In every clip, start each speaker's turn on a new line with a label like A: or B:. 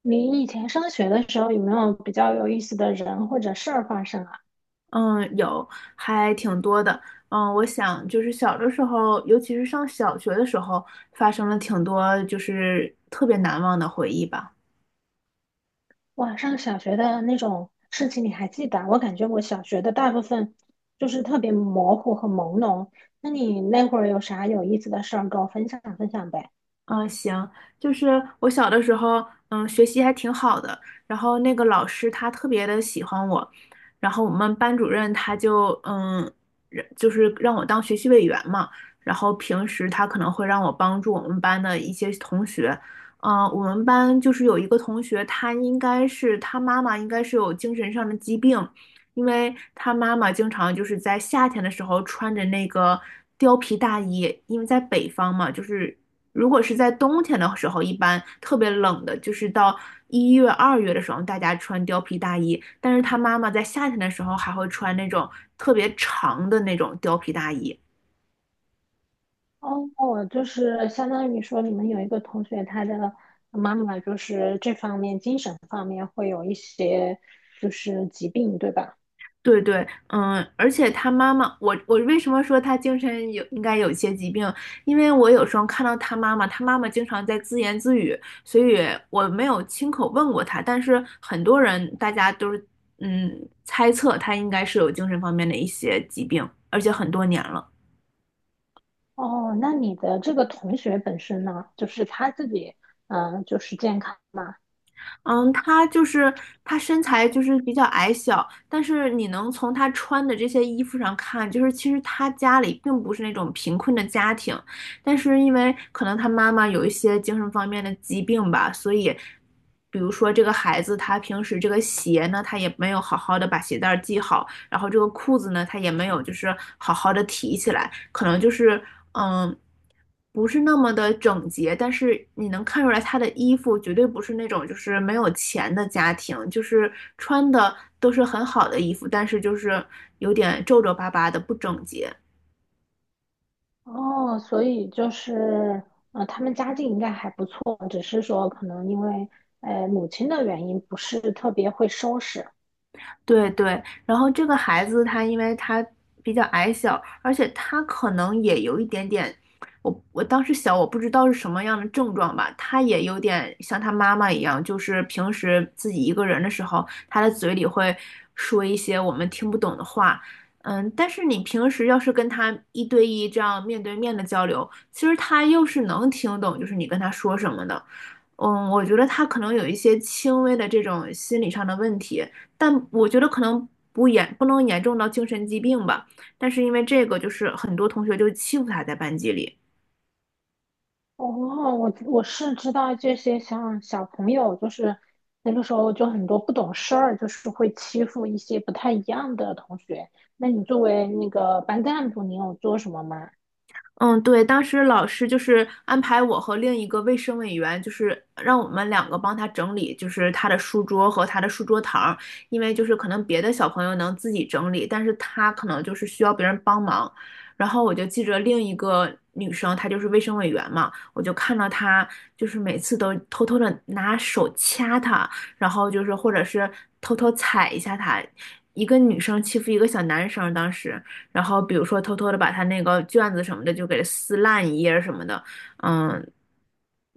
A: 你以前上学的时候有没有比较有意思的人或者事儿发生啊？
B: 嗯，有，还挺多的。嗯，我想就是小的时候，尤其是上小学的时候，发生了挺多就是特别难忘的回忆吧。
A: 哇，上小学的那种事情你还记得啊，我感觉我小学的大部分就是特别模糊和朦胧。那你那会儿有啥有意思的事儿跟我分享分享呗？
B: 嗯，行，就是我小的时候，嗯，学习还挺好的，然后那个老师他特别的喜欢我，然后我们班主任他就，让就是让我当学习委员嘛，然后平时他可能会让我帮助我们班的一些同学。嗯，我们班就是有一个同学，他应该是他妈妈应该是有精神上的疾病，因为他妈妈经常就是在夏天的时候穿着那个貂皮大衣。因为在北方嘛，就是如果是在冬天的时候，一般特别冷的，就是到1月、2月的时候，大家穿貂皮大衣，但是他妈妈在夏天的时候还会穿那种特别长的那种貂皮大衣。
A: 哦，就是相当于说你们有一个同学，他的妈妈就是这方面精神方面会有一些就是疾病，对吧？
B: 对对，嗯，而且他妈妈，我为什么说他精神有应该有一些疾病？因为我有时候看到他妈妈，他妈妈经常在自言自语，所以我没有亲口问过他，但是很多人大家都是嗯猜测他应该是有精神方面的一些疾病，而且很多年了。
A: 哦，那你的这个同学本身呢，就是他自己，嗯、就是健康嘛。
B: 嗯，他就是他身材就是比较矮小，但是你能从他穿的这些衣服上看，就是其实他家里并不是那种贫困的家庭，但是因为可能他妈妈有一些精神方面的疾病吧，所以，比如说这个孩子他平时这个鞋呢，他也没有好好的把鞋带儿系好，然后这个裤子呢，它也没有就是好好的提起来，可能就是嗯，不是那么的整洁。但是你能看出来他的衣服绝对不是那种就是没有钱的家庭，就是穿的都是很好的衣服，但是就是有点皱皱巴巴的不整洁。
A: 哦，所以就是，他们家境应该还不错，只是说可能因为，母亲的原因不是特别会收拾。
B: 对对，然后这个孩子他因为他比较矮小，而且他可能也有一点点，我当时小，我不知道是什么样的症状吧，他也有点像他妈妈一样，就是平时自己一个人的时候，他的嘴里会说一些我们听不懂的话。嗯，但是你平时要是跟他一对一这样面对面的交流，其实他又是能听懂，就是你跟他说什么的。嗯，我觉得他可能有一些轻微的这种心理上的问题。但我觉得可能不严不能严重到精神疾病吧，但是因为这个就是很多同学就欺负他在班级里。
A: 哦，我是知道这些，像小朋友就是那个时候就很多不懂事儿，就是会欺负一些不太一样的同学。那你作为那个班干部，你有做什么吗？
B: 嗯，对，当时老师就是安排我和另一个卫生委员，就是让我们两个帮他整理，就是他的书桌和他的书桌堂儿，因为就是可能别的小朋友能自己整理，但是他可能就是需要别人帮忙。然后我就记着另一个女生，她就是卫生委员嘛，我就看到她就是每次都偷偷的拿手掐他，然后就是或者是偷偷踩一下他，一个女生欺负一个小男生，当时。然后比如说偷偷的把他那个卷子什么的就给撕烂一页什么的。嗯，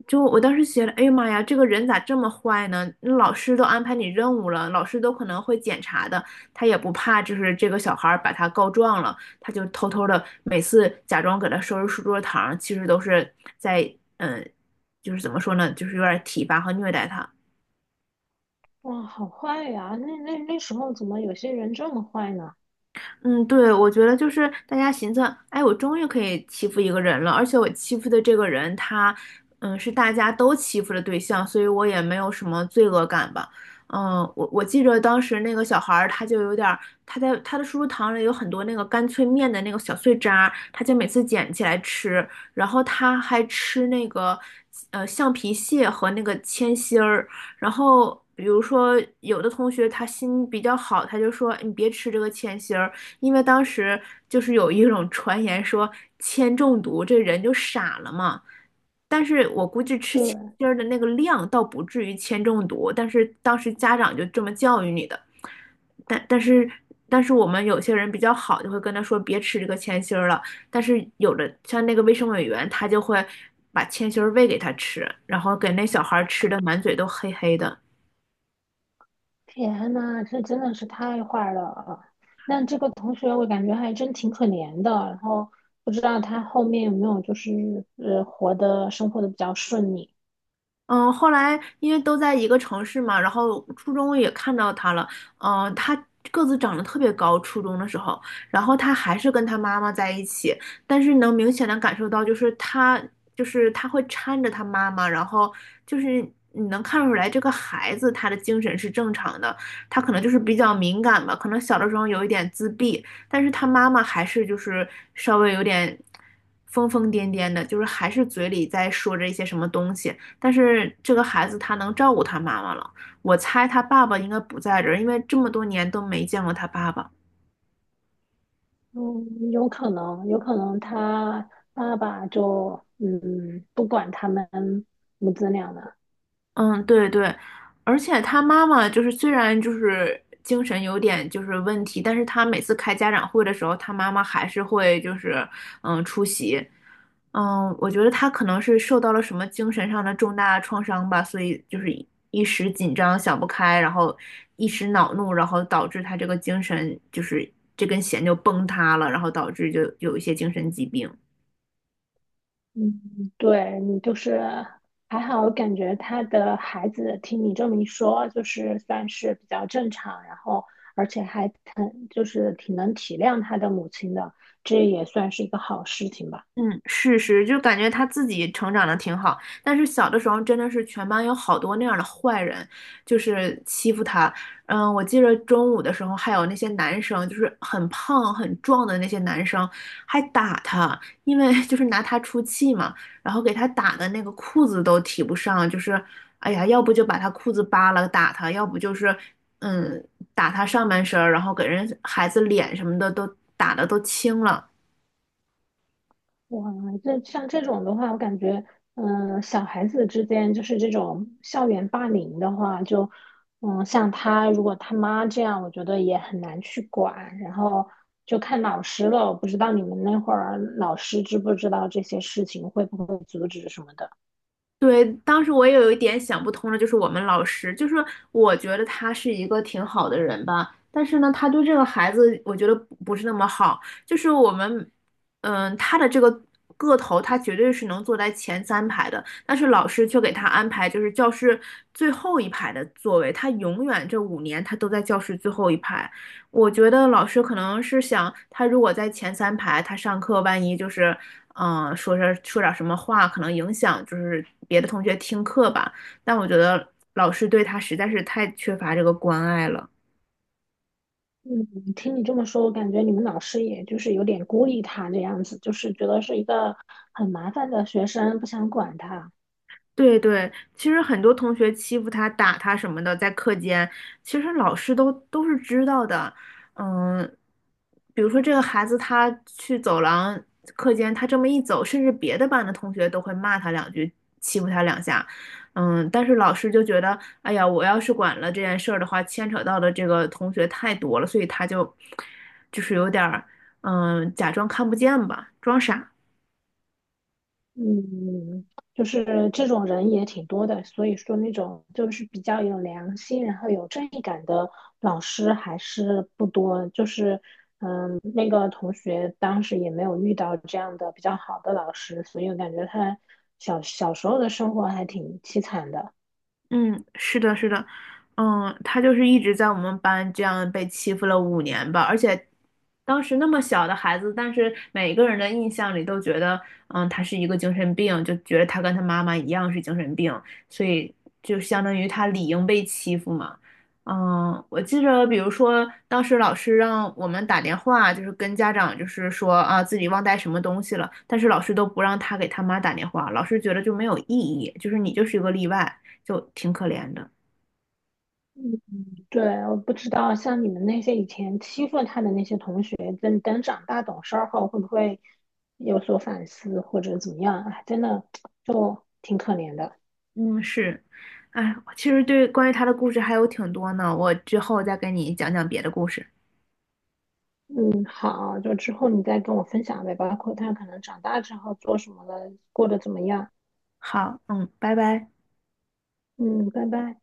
B: 就我当时觉得，哎呀妈呀，这个人咋这么坏呢？那老师都安排你任务了，老师都可能会检查的，他也不怕就是这个小孩儿把他告状了，他就偷偷的每次假装给他收拾书桌堂，其实都是在就是怎么说呢，就是有点体罚和虐待他。
A: 哇，好坏呀！那时候怎么有些人这么坏呢？
B: 嗯，对，我觉得就是大家寻思，哎，我终于可以欺负一个人了，而且我欺负的这个人他，嗯，是大家都欺负的对象，所以我也没有什么罪恶感吧。嗯，我记得当时那个小孩儿，他就有点儿，他在他的叔叔堂里有很多那个干脆面的那个小碎渣儿他就每次捡起来吃，然后他还吃那个橡皮屑和那个铅芯儿。然后比如说有的同学他心比较好，他就说哎你别吃这个铅芯儿。因为当时就是有一种传言说铅中毒这人就傻了嘛，但是我估计吃铅
A: 对，
B: 芯儿的那个量倒不至于铅中毒，但是当时家长就这么教育你的，但但是但是我们有些人比较好，就会跟他说别吃这个铅芯儿了，但是有的像那个卫生委员他就会把铅芯儿喂给他吃，然后给那小孩儿吃的满嘴都黑黑的。
A: 天呐，这真的是太坏了。那这个同学我感觉还真挺可怜的，然后不知道他后面有没有就是活的生活的比较顺利。
B: 嗯，后来因为都在一个城市嘛，然后初中也看到他了。嗯，他个子长得特别高，初中的时候，然后他还是跟他妈妈在一起。但是能明显的感受到，就是他就是他会搀着他妈妈，然后就是你能看出来这个孩子他的精神是正常的，他可能就是比较敏感吧，可能小的时候有一点自闭，但是他妈妈还是就是稍微有点疯疯癫癫的，就是还是嘴里在说着一些什么东西。但是这个孩子他能照顾他妈妈了，我猜他爸爸应该不在这儿，因为这么多年都没见过他爸爸。
A: 嗯，有可能，有可能他爸爸就嗯不管他们母子俩了。
B: 嗯，对对，而且他妈妈就是虽然就是精神有点就是问题，但是他每次开家长会的时候，他妈妈还是会就是出席。嗯，我觉得他可能是受到了什么精神上的重大创伤吧，所以就是一时紧张想不开，然后一时恼怒，然后导致他这个精神就是这根弦就崩塌了，然后导致就有一些精神疾病。
A: 嗯，对，你就是还好，感觉他的孩子听你这么一说，就是算是比较正常，然后而且还挺就是挺能体谅他的母亲的，这也算是一个好事情吧。
B: 嗯，是是，就感觉他自己成长的挺好，但是小的时候真的是全班有好多那样的坏人，就是欺负他。嗯，我记得中午的时候还有那些男生，就是很胖很壮的那些男生，还打他，因为 就是拿他出气嘛，然后给他打的那个裤子都提不上，就是哎呀，要不就把他裤子扒了打他，要不就是嗯打他上半身儿，然后给人孩子脸什么的都打的都青了。
A: 哇，这像这种的话，我感觉，嗯、小孩子之间就是这种校园霸凌的话，就，嗯，像他如果他妈这样，我觉得也很难去管，然后就看老师了。我不知道你们那会儿老师知不知道这些事情，会不会阻止什么的？
B: 对，当时我也有一点想不通的，就是我们老师，就是我觉得他是一个挺好的人吧，但是呢，他对这个孩子，我觉得不是那么好。就是我们，嗯，他的这个个头，他绝对是能坐在前三排的，但是老师却给他安排就是教室最后一排的座位，他永远这5年他都在教室最后一排。我觉得老师可能是想，他如果在前三排，他上课万一就是，嗯、说是说点什么话，可能影响就是别的同学听课吧。但我觉得老师对他实在是太缺乏这个关爱了。
A: 嗯，听你这么说，我感觉你们老师也就是有点孤立他这样子，就是觉得是一个很麻烦的学生，不想管他。
B: 对对，其实很多同学欺负他、打他什么的，在课间，其实老师都是知道的。嗯，比如说这个孩子他去走廊课间，他这么一走，甚至别的班的同学都会骂他两句，欺负他两下。嗯，但是老师就觉得，哎呀，我要是管了这件事儿的话，牵扯到的这个同学太多了，所以他就就是有点儿，嗯，假装看不见吧，装傻。
A: 嗯，就是这种人也挺多的，所以说那种就是比较有良心，然后有正义感的老师还是不多。就是，嗯，那个同学当时也没有遇到这样的比较好的老师，所以我感觉他小小时候的生活还挺凄惨的。
B: 嗯，是的，是的。嗯，他就是一直在我们班这样被欺负了五年吧，而且当时那么小的孩子，但是每个人的印象里都觉得，嗯，他是一个精神病，就觉得他跟他妈妈一样是精神病，所以就相当于他理应被欺负嘛。嗯，我记着，比如说当时老师让我们打电话，就是跟家长就是说啊自己忘带什么东西了，但是老师都不让他给他妈打电话，老师觉得就没有意义，就是你就是一个例外。就挺可怜的。
A: 对，我不知道像你们那些以前欺负他的那些同学，等等长大懂事儿后会不会有所反思或者怎么样？哎，真的就挺可怜的。
B: 嗯，是，哎，其实对关于他的故事还有挺多呢，我之后再跟你讲讲别的故事。
A: 嗯，好，就之后你再跟我分享呗，包括他可能长大之后做什么了，过得怎么样。
B: 好，嗯，拜拜。
A: 嗯，拜拜。